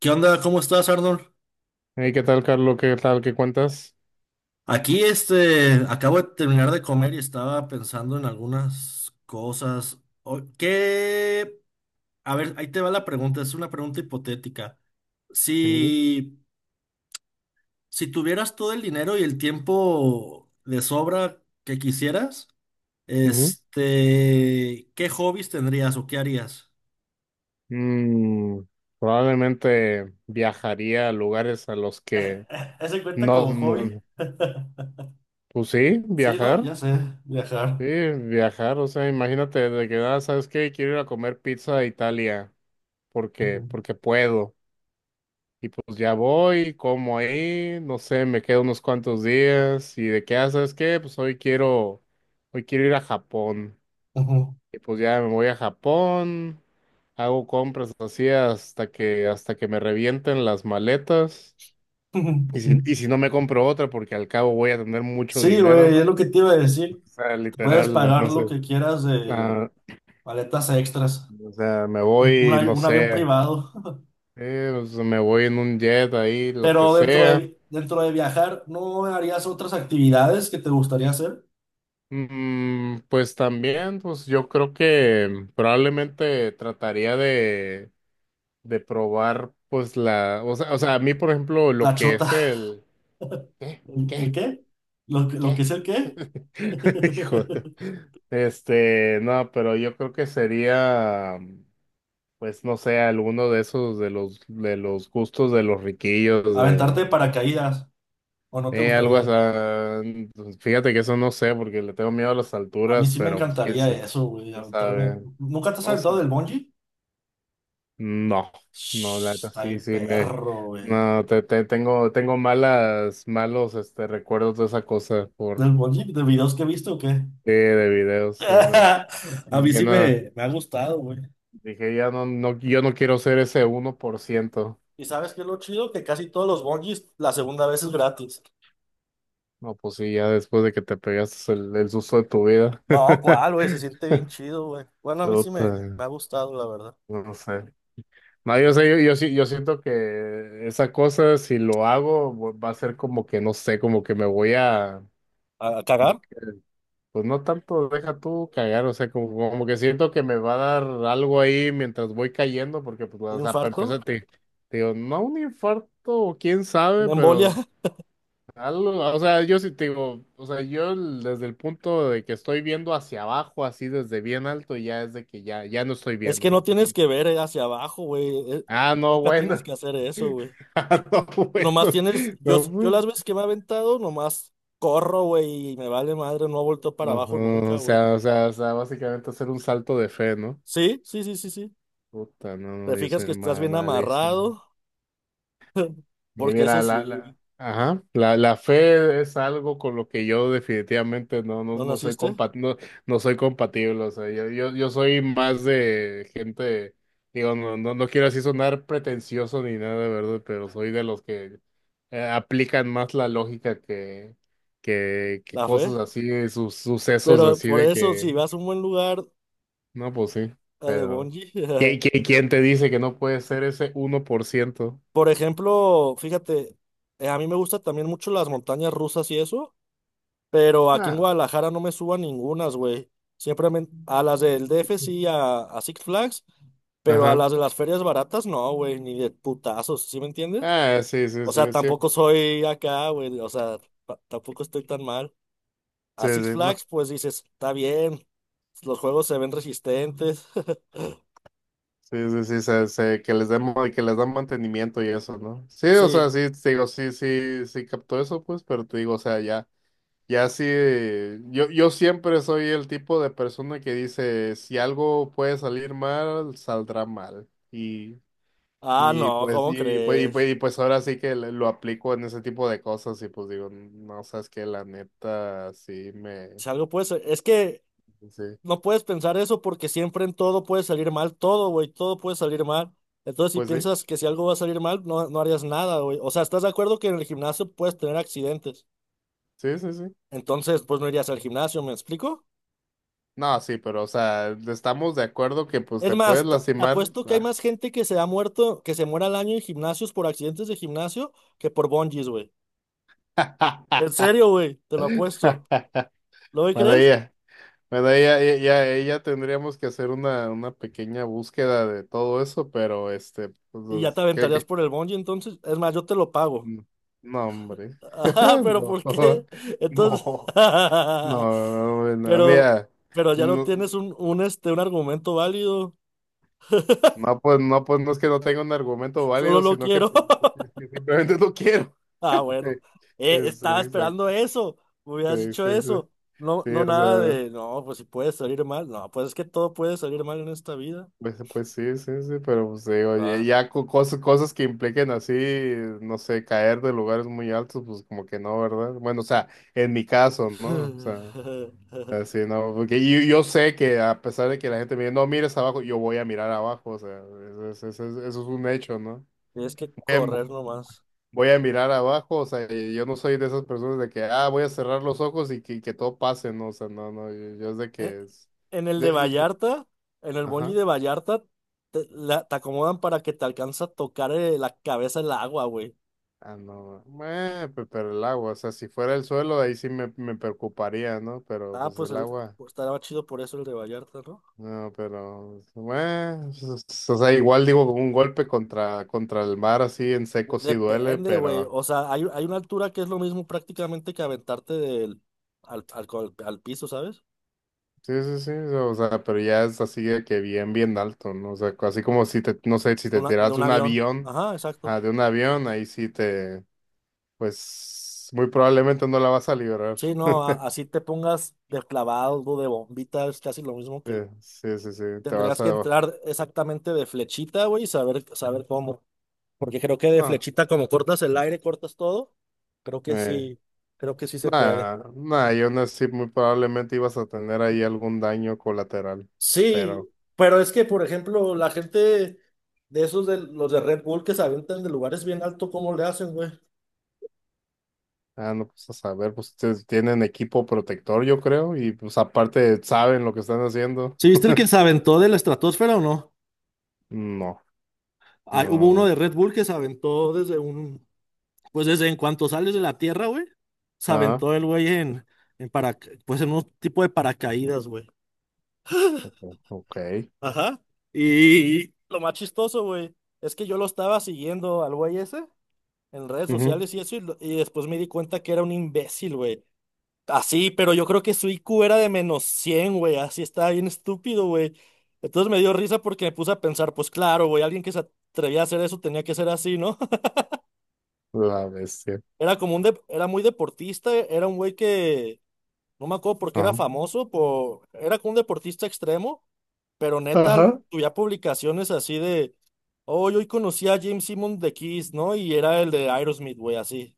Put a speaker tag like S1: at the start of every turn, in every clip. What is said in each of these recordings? S1: ¿Qué onda? ¿Cómo estás, Arnold?
S2: Hey, ¿qué tal, Carlos? ¿Qué tal? ¿Qué cuentas?
S1: Aquí, acabo de terminar de comer y estaba pensando en algunas cosas. ¿Qué? A ver, ahí te va la pregunta, es una pregunta hipotética.
S2: Ujú,
S1: Si, si tuvieras todo el dinero y el tiempo de sobra que quisieras,
S2: ujú.
S1: ¿qué hobbies tendrías o qué harías?
S2: Mm, Probablemente viajaría a lugares a los que
S1: ¿Ese cuenta
S2: no,
S1: como hobby?
S2: no- pues
S1: Sí, ¿no? Ya sé, viajar.
S2: sí, viajar, o sea, imagínate de que, ¿sabes qué? Quiero ir a comer pizza a Italia porque,
S1: Ujú,
S2: porque puedo. Y pues ya voy, como ahí, no sé, me quedo unos cuantos días y de qué, ¿sabes qué? Pues hoy quiero ir a Japón.
S1: ujú.
S2: Y pues ya me voy a Japón, hago compras así hasta que me revienten las maletas. Y si, y si no me compro otra, porque al cabo voy a tener mucho
S1: Sí,
S2: dinero,
S1: güey,
S2: ¿no?
S1: es lo que te iba a
S2: O
S1: decir.
S2: sea,
S1: Puedes
S2: literal,
S1: pagar lo
S2: entonces,
S1: que quieras de
S2: ah,
S1: paletas extras,
S2: o sea, me
S1: un, un
S2: voy,
S1: avi-
S2: no
S1: un avión
S2: sé,
S1: privado,
S2: pues, me voy en un jet ahí, lo que
S1: pero dentro
S2: sea.
S1: de, dentro de viajar, ¿no harías otras actividades que te gustaría hacer?
S2: Pues también, pues yo creo que probablemente trataría de probar, pues la, o sea, a mí, por ejemplo, lo
S1: La
S2: que
S1: chota.
S2: es el... ¿Qué?
S1: ¿El
S2: ¿Qué?
S1: qué? ¿Lo que
S2: ¿Qué?
S1: es el qué?
S2: Hijo. Este, no, pero yo creo que sería, pues no sé, alguno de esos de los gustos de los riquillos
S1: Aventarte de
S2: de
S1: paracaídas, ¿o no te
S2: algo así.
S1: gustaría?
S2: Pues, fíjate que eso no sé porque le tengo miedo a las
S1: A mí
S2: alturas,
S1: sí me
S2: pero pues
S1: encantaría eso, güey,
S2: quién
S1: aventarme.
S2: sabe.
S1: ¿Nunca te has
S2: No
S1: aventado
S2: sé.
S1: del bungee?
S2: No, no, la
S1: Shh,
S2: neta
S1: está
S2: sí,
S1: bien
S2: sí me
S1: perro, güey.
S2: no te, te- tengo malas malos este recuerdos de esa cosa por
S1: ¿Del bungee? ¿De videos que he visto o qué?
S2: de videos, sí, no.
S1: A mí
S2: Y
S1: sí
S2: nada,
S1: me ha gustado, güey.
S2: dije, ya no, no, yo no quiero ser ese uno por ciento.
S1: ¿Y sabes qué es lo chido? Que casi todos los bungee la segunda vez es gratis.
S2: No, pues sí, ya después de que te pegaste el susto de tu vida.
S1: No, ¿cuál, güey? Se siente bien chido, güey. Bueno, a mí sí
S2: Puta,
S1: me ha gustado, la verdad.
S2: no sé. No, yo
S1: Sí.
S2: sé, yo siento que esa cosa, si lo hago, va a ser como que, no sé, como que me voy a,
S1: A
S2: como
S1: cagar?
S2: que, pues no tanto, deja tú cagar, o sea, como que siento que me va a dar algo ahí mientras voy cayendo, porque, pues, o
S1: ¿Un
S2: sea, para
S1: infarto?
S2: empezar, te digo, no un infarto, o quién sabe,
S1: ¿Una embolia?
S2: pero O sea, yo sí te digo, o sea, desde el punto de que estoy viendo hacia abajo, así desde bien alto, ya es de que ya no estoy
S1: Es
S2: viendo, o
S1: que
S2: sea,
S1: no tienes
S2: porque-
S1: que ver hacia abajo, güey.
S2: no,
S1: Nunca tienes
S2: bueno,
S1: que hacer eso, güey.
S2: no, bueno,
S1: Nomás tienes,
S2: no,
S1: yo las
S2: pues,
S1: veces que me he aventado, nomás corro, güey, y me vale madre, no he vuelto para
S2: no,
S1: abajo
S2: no,
S1: nunca,
S2: o
S1: güey.
S2: sea, básicamente hacer un salto de fe, ¿no?
S1: Sí, sí, sí, sí, sí.
S2: Puta, no,
S1: Te
S2: no, yo
S1: fijas
S2: soy
S1: que estás bien
S2: malísimo.
S1: amarrado. Porque eso
S2: Mira,
S1: sí,
S2: ajá, la fe es algo con lo que yo definitivamente no, no,
S1: no
S2: no soy
S1: naciste,
S2: no, no soy compatible. O sea, yo soy más de gente, digo, no, no, no quiero así sonar pretencioso ni nada, ¿verdad? Pero soy de los que aplican más la lógica que, que
S1: la fe.
S2: cosas así, sus sucesos
S1: Pero
S2: así
S1: por
S2: de
S1: eso,
S2: que,
S1: si vas a un buen lugar
S2: no, pues sí,
S1: a de
S2: pero
S1: bungee,
S2: ¿quién, quién, quién te dice que no puede ser ese 1%?
S1: por ejemplo, fíjate, a mí me gustan también mucho las montañas rusas y eso, pero aquí en
S2: Ah.
S1: Guadalajara no me subo a ningunas, güey. Siempre a las del D F sí, a Six Flags, pero a
S2: Ajá.
S1: las de las ferias baratas no, güey, ni de putazos, ¿sí me entiendes?
S2: Ah, sí, sí,
S1: O sea,
S2: sí, sí,
S1: tampoco
S2: pues,
S1: soy acá, güey, o sea, tampoco estoy tan mal.
S2: sí,
S1: A Six
S2: sí, no,
S1: Flags, pues dices, está bien, los juegos se ven resistentes.
S2: sí, sí, sí, se, que les den, que les dan mantenimiento y eso, ¿no? Sí, o
S1: Sí.
S2: sea, sí, te digo, sí, sí, sí captó eso, pues, pero te digo, o sea, ya, ya sí, yo, yo siempre soy el tipo de persona que dice, si algo puede salir mal, saldrá mal,
S1: Ah,
S2: y
S1: no,
S2: pues,
S1: ¿cómo
S2: y, pues, y,
S1: crees?
S2: pues, y pues ahora sí que lo aplico en ese tipo de cosas, y pues digo, no, sabes que la neta, sí, me,
S1: Si algo puede ser- Es que
S2: sí,
S1: no puedes pensar eso porque siempre en todo puede salir mal. Todo, güey, todo puede salir mal. Entonces, si
S2: pues sí.
S1: piensas que si algo va a salir mal, no, no harías nada, güey. O sea, ¿estás de acuerdo que en el gimnasio puedes tener accidentes?
S2: Sí, sí, sí.
S1: Entonces, pues no irías al gimnasio, ¿me explico?
S2: No, sí, pero o sea, estamos de acuerdo que pues
S1: Es
S2: te puedes
S1: más,
S2: lastimar.
S1: apuesto que hay
S2: Ah.
S1: más gente que se ha muerto, que se muera al año en gimnasios por accidentes de gimnasio que por bungees, güey. En serio, güey, te lo apuesto. ¿Lo
S2: Bueno,
S1: crees?
S2: ya, bueno, ella, ya, ya, ya tendríamos que hacer una pequeña búsqueda de todo eso, pero este, pues,
S1: Y ya te
S2: los- ¿qué,
S1: aventarías
S2: qué?
S1: por el bungee, entonces. Es más, yo te lo pago.
S2: No, no, hombre.
S1: Ah, pero ¿por qué? Entonces.
S2: No, no, no, bueno,
S1: Pero,
S2: mira,
S1: pero ya no
S2: no,
S1: tienes un, un argumento válido.
S2: no, pues, no, pues no es que no tenga un argumento
S1: Solo
S2: válido,
S1: lo
S2: sino que
S1: quiero.
S2: pues, simplemente no quiero.
S1: Ah,
S2: Sí,
S1: bueno. Estaba
S2: exacto.
S1: esperando eso. Me hubieras
S2: Sí,
S1: dicho
S2: sí, sí.
S1: eso. No,
S2: Sí,
S1: no
S2: o
S1: nada
S2: sea,
S1: de. No, pues si puede salir mal. No, pues es que todo puede salir mal en esta vida.
S2: pues, pues sí, sí, sí, pero pues digo, ya,
S1: Va.
S2: ya cosas, cosas que impliquen así, no sé, caer de lugares muy altos, pues como que no, ¿verdad? Bueno, o sea, en mi caso, ¿no? O sea, así, ¿no? Porque yo sé que a pesar de que la gente me dice, no mires abajo, yo voy a mirar abajo, o sea, eso es, eso es, eso es un hecho, ¿no?
S1: Tienes que
S2: Em,
S1: correr nomás.
S2: voy a mirar abajo, o sea, y yo no soy de esas personas de que, ah, voy a cerrar los ojos y que todo pase, ¿no? O sea, no, no, yo es de
S1: e-
S2: que es...
S1: En el de
S2: de- de- de-
S1: Vallarta, en el bungee
S2: ajá.
S1: de Vallarta, te, te acomodan para que te alcanza a tocar la cabeza en el agua, güey.
S2: Ah, no, pero el agua, o sea, si fuera el suelo, ahí sí me preocuparía, ¿no? Pero
S1: Ah,
S2: pues
S1: pues,
S2: el
S1: el,
S2: agua,
S1: pues estará chido por eso el de Vallarta, ¿no?
S2: no, pero, bueno, pues, o sea, igual digo, un golpe contra, contra el mar así en seco sí duele,
S1: Depende, güey.
S2: pero,
S1: O sea, hay una altura que es lo mismo prácticamente que aventarte del, al, al piso, ¿sabes?
S2: sí, sí, sí, o sea, pero ya es así de que bien, bien alto, ¿no? O sea, así como si te, no sé, si
S1: De,
S2: te
S1: de
S2: tiras
S1: un
S2: de un
S1: avión.
S2: avión,
S1: Ajá,
S2: ah,
S1: exacto.
S2: de un avión, ahí sí te, pues, muy probablemente no la vas a liberar.
S1: Sí, no, así te pongas de clavado, de bombita, es casi lo mismo
S2: Sí,
S1: que
S2: sí, sí, sí, te
S1: tendrías
S2: vas
S1: que
S2: a...
S1: entrar exactamente de flechita, güey, y saber cómo. Porque creo que de
S2: No.
S1: flechita, como cortas el aire, cortas todo. Creo que
S2: eh,
S1: sí, creo que sí se puede.
S2: Nada, nada, yo nací muy probablemente ibas a tener ahí algún daño colateral, pero
S1: Sí, pero es que, por ejemplo, la gente de esos de los de Red Bull que se aventan de lugares bien altos, ¿cómo le hacen, güey?
S2: ah, no pues a saber, pues ustedes tienen equipo protector, yo creo, y pues aparte saben lo que están haciendo.
S1: ¿Sí viste el que se aventó de la estratosfera o no?
S2: No,
S1: Ah, hubo uno
S2: no,
S1: de Red Bull que se aventó desde un, pues desde en cuanto sales de la tierra, güey, se
S2: ah,
S1: aventó el güey en, en para, pues en un tipo de paracaídas, güey.
S2: ok,
S1: Ajá. Y lo más chistoso, güey, es que yo lo estaba siguiendo al güey ese en redes
S2: ujú,
S1: sociales y eso, y después me di cuenta que era un imbécil, güey. Así, pero yo creo que su IQ era de -100, güey, así estaba bien estúpido, güey. Entonces me dio risa porque me puse a pensar, pues claro, güey, alguien que se atrevía a hacer eso tenía que ser así, ¿no?
S2: la bestia,
S1: Era como un, era muy deportista, era un güey que no me acuerdo porque era
S2: ajá.
S1: famoso, por, era como un deportista extremo, pero neta,
S2: Ajá.
S1: tuve publicaciones así de, hoy conocí a James Simon de Kiss, ¿no? Y era el de Aerosmith, güey, así.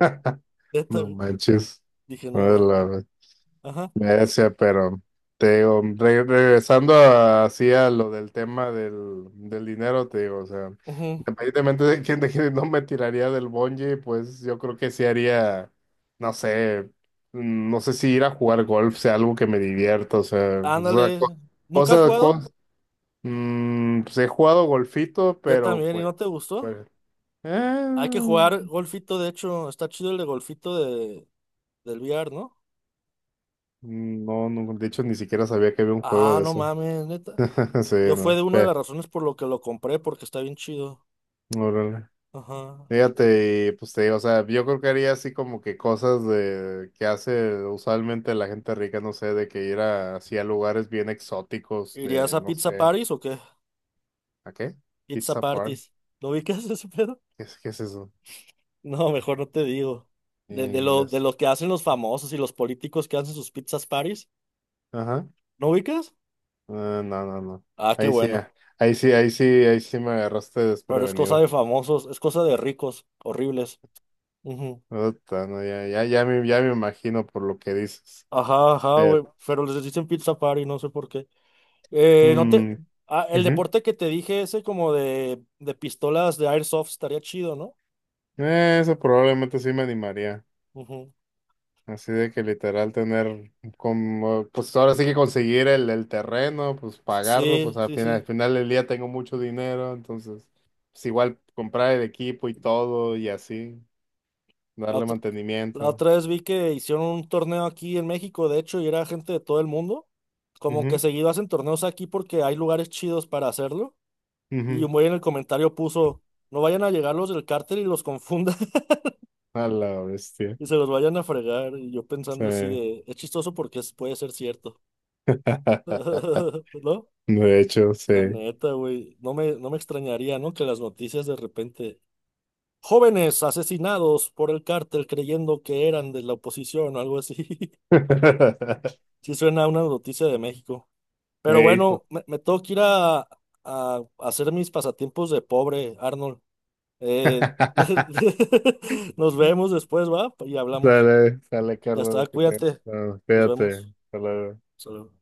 S1: Neta,
S2: No
S1: güey.
S2: manches.
S1: Dije,
S2: A
S1: no,
S2: ver,
S1: ma.
S2: la bestia.
S1: Ajá.
S2: Ese, pero te digo, regresando a- así a lo del tema del, del dinero, te digo, o sea,
S1: Ujú.
S2: independientemente de quién no me tiraría del bungee, pues yo creo que sí haría, no sé, no sé si ir a jugar golf sea algo que me divierta, o sea,
S1: Ándale. ¿Nunca has
S2: cosa,
S1: jugado?
S2: cos- pues he jugado golfito,
S1: Ya
S2: pero
S1: también, ¿y
S2: pues,
S1: no te gustó?
S2: pues,
S1: Hay que
S2: eh,
S1: jugar golfito, de hecho, está chido el de golfito de, del VR, ¿no?
S2: no, no, de hecho ni siquiera sabía que había un juego
S1: Ah,
S2: de
S1: no
S2: eso,
S1: mames, neta.
S2: sí,
S1: Yo fue
S2: no,
S1: de una de
S2: Pe-
S1: las razones por lo que lo compré, porque está bien chido.
S2: órale.
S1: Ajá.
S2: Fíjate, y, pues te digo, o sea, yo creo que haría así como que cosas de que hace usualmente la gente rica, no sé, de que ir a, así a lugares bien exóticos
S1: ¿Irías
S2: de,
S1: a
S2: no
S1: Pizza
S2: sé,
S1: Paris o qué?
S2: ¿a qué?
S1: Pizza
S2: Pizza party.
S1: Parties. ¿Lo ubicas ese pedo?
S2: Qué es eso?
S1: No, mejor no te digo. De
S2: Ingas.
S1: lo que hacen los famosos y los políticos que hacen sus pizzas parties.
S2: Ajá.
S1: ¿No ubicas?
S2: Ah, no, no, no.
S1: Ah, qué
S2: Ahí sí,
S1: bueno.
S2: ah, ahí sí, ahí sí, ahí sí me agarraste
S1: Pero es cosa
S2: desprevenido.
S1: de famosos, es cosa de ricos, horribles. Ujú.
S2: Puta, no, ya, ya, ya me imagino por lo que dices.
S1: Ajá, ajá,
S2: Pero,
S1: güey. Pero les dicen pizza party, no sé por qué. No te...
S2: mm,
S1: Ah, el
S2: ujú.
S1: deporte que te dije, ese como de pistolas de airsoft, estaría chido, ¿no?
S2: Eso probablemente sí me animaría.
S1: Ujú.
S2: Así de que literal tener como, pues ahora sí que conseguir el terreno, pues pagarlo, pues
S1: Sí, sí,
S2: al
S1: sí.
S2: final del día tengo mucho dinero, entonces, pues igual comprar el equipo y todo y así,
S1: La
S2: darle
S1: otra, la
S2: mantenimiento.
S1: otra vez vi que hicieron un torneo aquí en México, de hecho, y era gente de todo el mundo. Como que
S2: Ujú,
S1: seguido hacen torneos aquí porque hay lugares chidos para hacerlo. Y
S2: ujú.
S1: un güey en el comentario puso, no vayan a llegar los del cártel y los confundan
S2: A la bestia.
S1: y se los vayan a fregar. Y yo
S2: Sí.
S1: pensando así de, es chistoso porque puede ser cierto. ¿No?
S2: De hecho, sí.
S1: La neta, güey. No me, no me extrañaría, ¿no? Que las noticias de repente... Jóvenes asesinados por el cártel creyendo que eran de la oposición o algo así. Sí suena a una noticia de México. Pero
S2: Hijo.
S1: bueno, me tengo que ir a hacer mis pasatiempos de pobre, Arnold. Eh, nos vemos después, ¿va? Y hablamos.
S2: Sale, sale,
S1: Ya está,
S2: Carlos, que te...
S1: cuídate.
S2: no,
S1: Nos
S2: cuídate.
S1: vemos.
S2: Hasta luego.
S1: Hasta luego.